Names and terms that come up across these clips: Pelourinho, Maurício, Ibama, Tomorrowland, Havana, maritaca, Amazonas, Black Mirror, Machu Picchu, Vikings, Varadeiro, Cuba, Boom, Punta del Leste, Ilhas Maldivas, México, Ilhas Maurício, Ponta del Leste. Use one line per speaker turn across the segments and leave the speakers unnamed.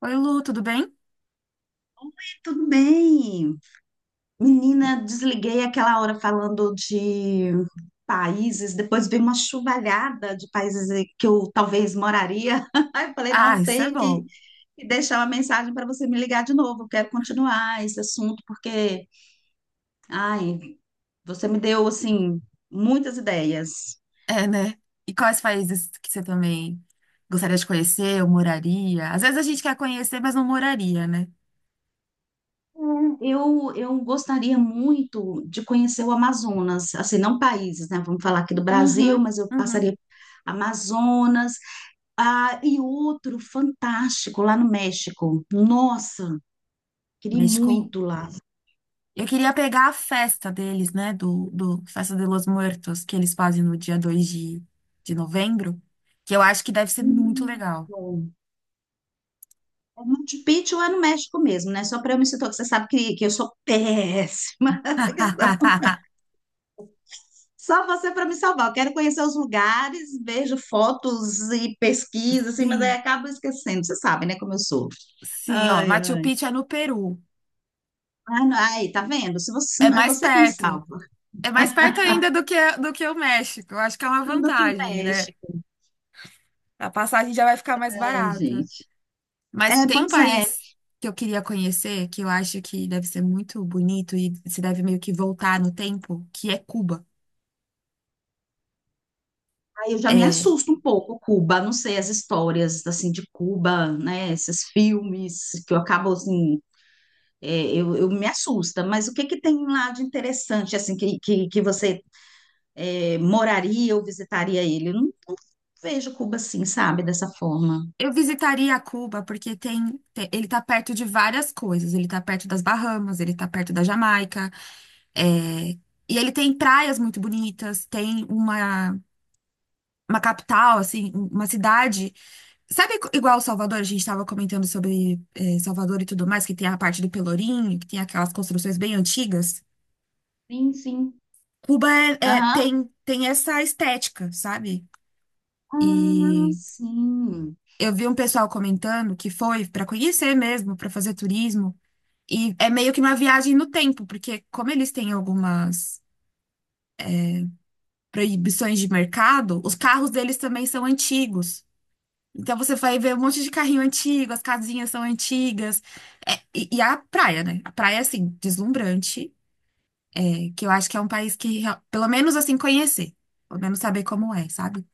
Oi, Lu, tudo bem?
Tudo bem. Menina, desliguei aquela hora falando de países, depois veio uma chuvalhada de países que eu talvez moraria. Aí eu falei,
Ah,
não,
isso é
tenho que
bom.
que deixar uma mensagem para você me ligar de novo. Eu quero continuar esse assunto porque, ai, você me deu assim muitas ideias.
É, né? E quais países que você também gostaria de conhecer ou moraria? Às vezes a gente quer conhecer, mas não moraria, né?
Eu gostaria muito de conhecer o Amazonas, assim, não países, né? Vamos falar aqui do Brasil,
Uhum,
mas eu
uhum.
passaria Amazonas. Ah, e outro fantástico lá no México. Nossa, queria ir
México.
muito lá.
Eu queria pegar a festa deles, né? Do Festa de los Muertos, que eles fazem no dia 2 de novembro, que eu acho que deve ser muito
Muito
legal.
bom. É Machu Picchu lá no México mesmo, né? Só para eu me situar, que você sabe que eu sou péssima nessa questão. Só você para me salvar. Eu quero conhecer os lugares, vejo fotos e pesquisa, assim, mas aí
Sim,
acabo esquecendo. Você sabe, né, como eu sou.
sim, ó.
Ai,
Machu
ai.
Picchu é no Peru.
Ah, não, aí, tá vendo? Se você,
É
é
mais
você que me
perto.
salva.
É mais perto ainda do que o México. Eu acho que é uma
Do que o
vantagem, né?
México.
A passagem já vai ficar mais
Ai,
barata.
gente.
Mas
É,
tem um
pois é.
país que eu queria conhecer, que eu acho que deve ser muito bonito e se deve meio que voltar no tempo, que é Cuba.
Aí eu já me
É,
assusto um pouco, Cuba, não sei, as histórias, assim, de Cuba, né, esses filmes que eu acabo, assim, é, eu me assusta, mas o que que tem lá de interessante, assim, que você é, moraria ou visitaria ele? Eu não vejo Cuba assim, sabe, dessa forma.
eu visitaria Cuba porque ele tá perto de várias coisas. Ele tá perto das Bahamas, ele tá perto da Jamaica, é, e ele tem praias muito bonitas, tem uma capital, assim, uma cidade. Sabe igual Salvador, a gente estava comentando sobre Salvador e tudo mais, que tem a parte do Pelourinho, que tem aquelas construções bem antigas.
Sim, sim.
Cuba é- é-
Aham.
tem, tem essa estética, sabe?
Ah,
E
sim.
eu vi um pessoal comentando que foi para conhecer mesmo, para fazer turismo. E é meio que uma viagem no tempo, porque como eles têm algumas proibições de mercado, os carros deles também são antigos. Então você vai ver um monte de carrinho antigo, as casinhas são antigas. É, e a praia, né? A praia, assim, deslumbrante, é, que eu acho que é um país que, real- pelo menos assim, conhecer. Pelo menos saber como é, sabe?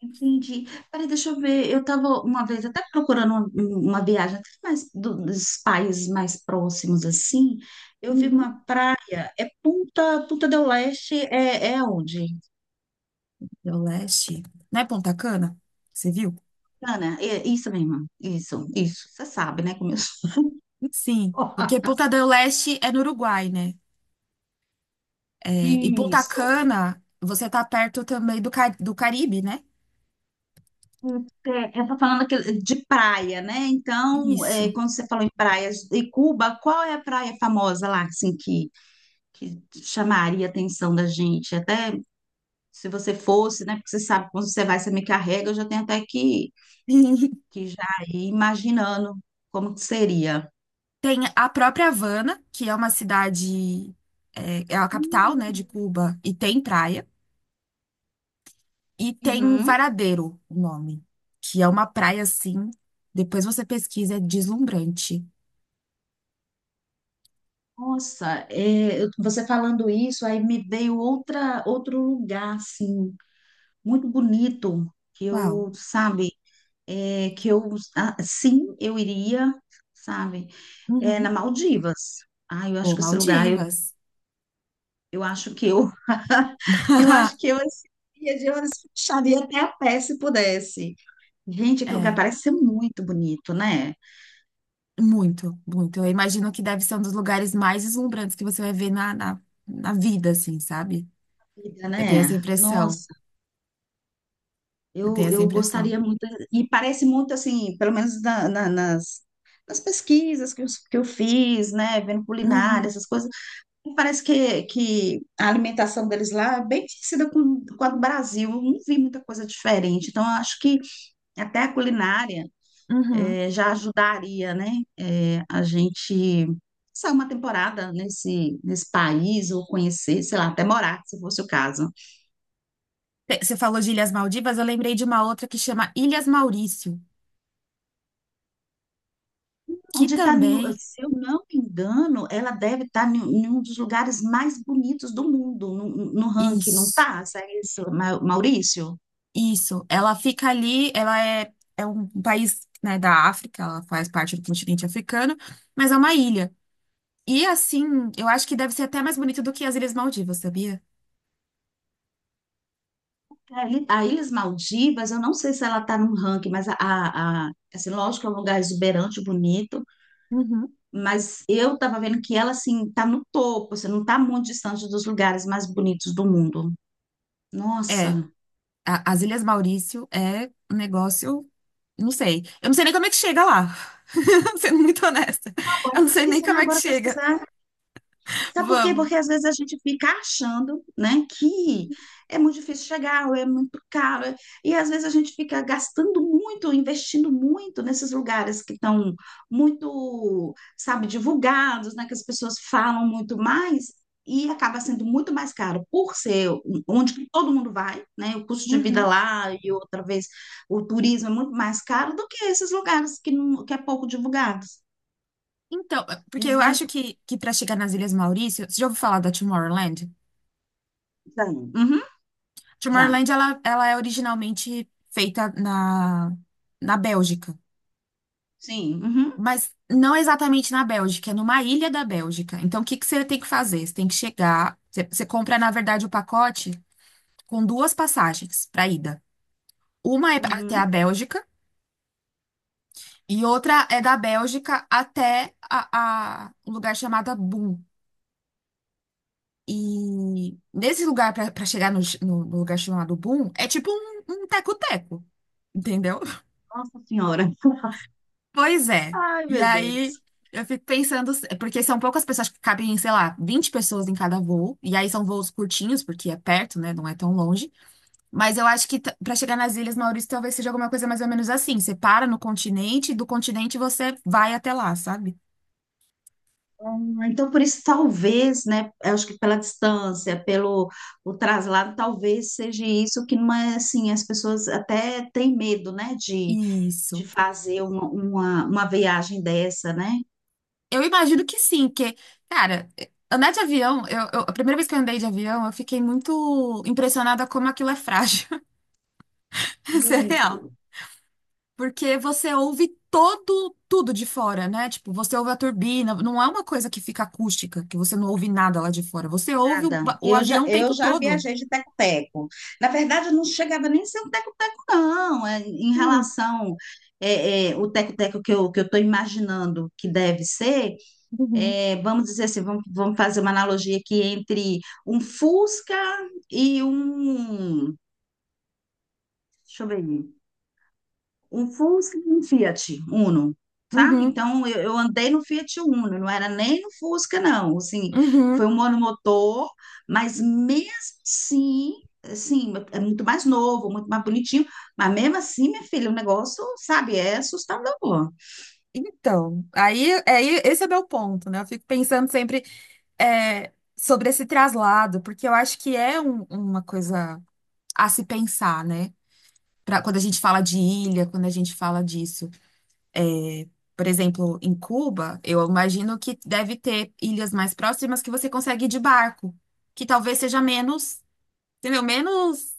Entendi. Peraí, deixa eu ver. Eu estava uma vez até procurando uma viagem até mais dos países mais próximos assim. Eu vi
Uhum.
uma praia. É Punta del Leste é, é onde?
Del Leste. Não é Ponta Cana? Você viu?
Ana, é isso mesmo. Isso, isso. Você sabe, né? Como eu sou.
Sim. Porque Ponta del Leste é no Uruguai, né? É, e Ponta
Isso.
Cana, você tá perto também do Caribe, né?
É, eu tô falando de praia, né? Então, é,
Isso.
quando você falou em praias de Cuba, qual é a praia famosa lá, assim, que chamaria a atenção da gente? Até se você fosse, né? Porque você sabe que quando você vai, você me carrega, eu já tenho até que já ir imaginando como que seria.
Tem a própria Havana, que é uma cidade, é a capital, né, de Cuba, e tem praia. E tem um
Uhum.
Varadeiro, o nome, que é uma praia assim. Depois você pesquisa, é deslumbrante.
Nossa, é, você falando isso, aí me veio outra, outro lugar, assim, muito bonito, que
Uau.
eu, sabe, é, que eu, ah, sim, eu iria, sabe, é, na
Uhum.
Maldivas. Ah, eu acho
Pô,
que esse lugar,
Maldivas.
eu acho que eu, eu acho que eu, esse dia de horas, fecharia até a pé se pudesse. Gente, aquele lugar
É,
parece ser muito bonito, né?
muito, muito. Eu imagino que deve ser um dos lugares mais deslumbrantes que você vai ver na vida, assim, sabe?
Vida,
Eu tenho essa
né?
impressão.
Nossa,
Eu tenho
eu,
essa
eu
impressão.
gostaria muito. E parece muito assim, pelo menos nas, nas pesquisas que eu fiz, né? Vendo culinária,
Uhum,
essas coisas. E parece que a alimentação deles lá é bem parecida com a do Brasil. Eu não vi muita coisa diferente. Então, eu acho que até a culinária,
uhum.
já ajudaria, né, a gente passar uma temporada nesse, nesse país ou conhecer, sei lá, até morar, se fosse o caso.
Você falou de Ilhas Maldivas, eu lembrei de uma outra que chama Ilhas Maurício, que
Onde está,
também.
se eu não me engano, ela deve estar em um dos lugares mais bonitos do mundo, no, no ranking, não
Isso,
tá? Segue isso, Maurício?
isso. Ela fica ali, ela é um país, né, da África, ela faz parte do continente africano, mas é uma ilha. E assim, eu acho que deve ser até mais bonito do que as Ilhas Maldivas, sabia?
A Ilhas Maldivas, eu não sei se ela está no ranking, mas assim, lógico que é um lugar exuberante, bonito,
Uhum.
mas eu estava vendo que ela assim está no topo, você não está muito distante dos lugares mais bonitos do mundo.
É,
Nossa,
as Ilhas Maurício é um negócio, não sei. Eu não sei nem como é que chega lá, sendo muito honesta.
bora
Eu não sei nem como
pesquisar,
é que
bora
chega.
pesquisar. Sabe por quê?
Vamos.
Porque às vezes a gente fica achando, né, que é muito difícil chegar, ou é muito caro, e às vezes a gente fica gastando muito, investindo muito nesses lugares que estão muito, sabe, divulgados, né, que as pessoas falam muito mais, e acaba sendo muito mais caro por ser um, onde que todo mundo vai, né, o custo de vida
Uhum.
lá e outra vez o turismo é muito mais caro do que esses lugares que, não, que é pouco divulgados.
Então,
A
porque
gente
eu
vai.
acho que para chegar nas Ilhas Maurício, você já ouviu falar da Tomorrowland?
Uhum, já.
Tomorrowland, ela é originalmente feita na Bélgica,
Sim. Uhum.
mas não exatamente na Bélgica, é numa ilha da Bélgica. Então, o que que você tem que fazer? Você tem que chegar, você, você compra, na verdade, o pacote com duas passagens para ida. Uma é até a
Uhum.
Bélgica e outra é da Bélgica até um lugar chamado Boom. E nesse lugar, pra chegar no lugar chamado Boom, é tipo um teco-teco, entendeu?
Nossa Senhora.
Pois é.
Ai,
E
meu
aí
Deus.
eu fico pensando, porque são poucas pessoas que cabem, sei lá, 20 pessoas em cada voo, e aí são voos curtinhos, porque é perto, né? Não é tão longe. Mas eu acho que t- pra chegar nas Ilhas Maurício talvez seja alguma coisa mais ou menos assim. Você para no continente, do continente você vai até lá, sabe?
Então, por isso, talvez, né? Eu acho que pela distância, pelo o traslado, talvez seja isso que não é assim. As pessoas até têm medo, né?
Isso.
De fazer uma viagem dessa, né?
Eu imagino que sim, porque, cara, andar de avião, eu, a primeira vez que eu andei de avião, eu fiquei muito impressionada como aquilo é frágil. Isso é real.
Muito.
Porque você ouve todo, tudo de fora, né? Tipo, você ouve a turbina, não é uma coisa que fica acústica, que você não ouve nada lá de fora. Você ouve o,
Nada.
o
Eu já,
avião o
eu
tempo
já
todo.
viajei de teco-teco. Na verdade, eu não chegava nem a ser um teco-teco, não. É, em
Hum,
relação é, é, o teco-teco que eu estou imaginando que deve ser.
uhum,
É, vamos dizer assim, vamos, vamos fazer uma analogia aqui entre um Fusca e um, deixa eu ver, um Fusca e um Fiat Uno, sabe?
uhum,
Então, eu andei no Fiat Uno, não era nem no Fusca, não, assim, foi
uhum.
um monomotor, mas mesmo assim, assim, é muito mais novo, muito mais bonitinho, mas mesmo assim, minha filha, o negócio, sabe, é assustador.
Então, aí esse é meu ponto, né? Eu fico pensando sempre sobre esse traslado, porque eu acho que é uma coisa a se pensar, né? Pra, quando a gente fala de ilha, quando a gente fala disso. É, por exemplo, em Cuba, eu imagino que deve ter ilhas mais próximas que você consegue ir de barco, que talvez seja menos, entendeu? Menos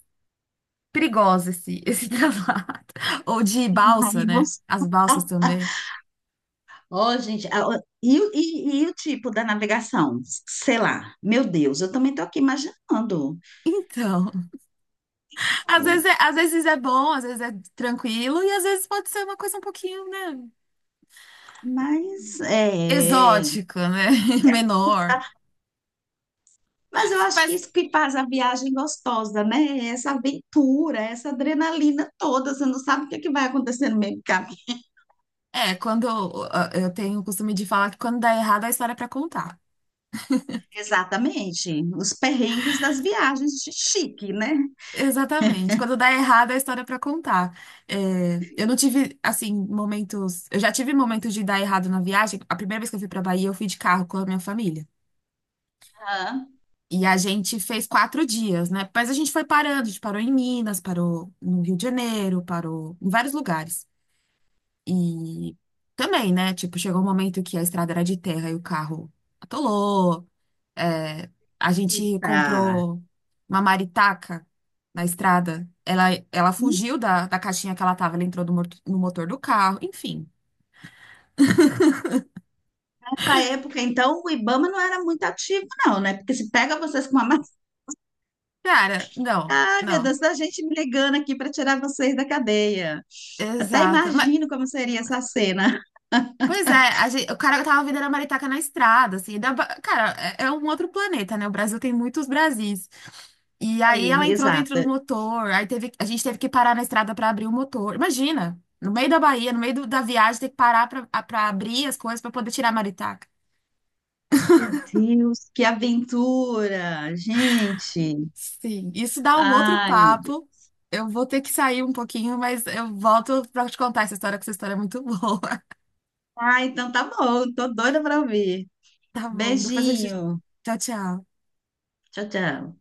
perigosa esse, esse traslado. Ou de balsa,
Aí
né?
você
As balsas também.
ó, gente, ó, e, e o tipo da navegação? Sei lá, meu Deus, eu também estou aqui imaginando.
Então, às vezes é bom, às vezes é tranquilo, e às vezes pode ser uma coisa um pouquinho, né?
Mas é, é,
Exótica, né?
tá.
Menor.
Mas eu acho que
Mas
isso que faz a viagem gostosa, né? É essa aventura, é essa adrenalina toda, você não sabe o que é que vai acontecer no meio do caminho.
é, quando eu tenho o costume de falar que quando dá errado, a história é pra contar.
Exatamente, os perrengues das viagens de chique, né?
Exatamente. Quando dá errado, a história é pra contar. É, eu não tive, assim, momentos. Eu já tive momentos de dar errado na viagem. A primeira vez que eu fui pra Bahia, eu fui de carro com a minha família.
Ah,
E a gente fez 4 dias, né? Mas a gente foi parando. A gente parou em Minas, parou no Rio de Janeiro, parou em vários lugares. E também, né? Tipo, chegou um momento que a estrada era de terra e o carro atolou. É, a gente
eita.
comprou uma maritaca na estrada. Ela fugiu da caixinha que ela tava, ela entrou no motor do carro, enfim.
Nessa época, então, o Ibama não era muito ativo, não, né? Porque se pega vocês com uma.
Cara, não,
Ai, meu
não.
Deus, a gente me ligando aqui para tirar vocês da cadeia. Até
Exato. Mas,
imagino como seria essa cena.
pois é, o cara tava vendendo a maritaca na estrada, assim. Cara, é, um outro planeta, né? O Brasil tem muitos Brasis. E aí
Sim,
ela entrou dentro do
exata.
motor, aí teve, a gente teve que parar na estrada pra abrir o motor. Imagina, no meio da Bahia, no meio da viagem, ter que parar pra abrir as coisas pra poder tirar a maritaca.
Meu Deus, que aventura, gente.
Sim, isso dá um outro
Ai, meu Deus.
papo. Eu vou ter que sair um pouquinho, mas eu volto pra te contar essa história, que essa história é muito boa.
Ah, então tá bom, tô doida para ouvir.
Tá bom, depois a gente.
Beijinho.
Tchau, tchau.
Tchau, tchau.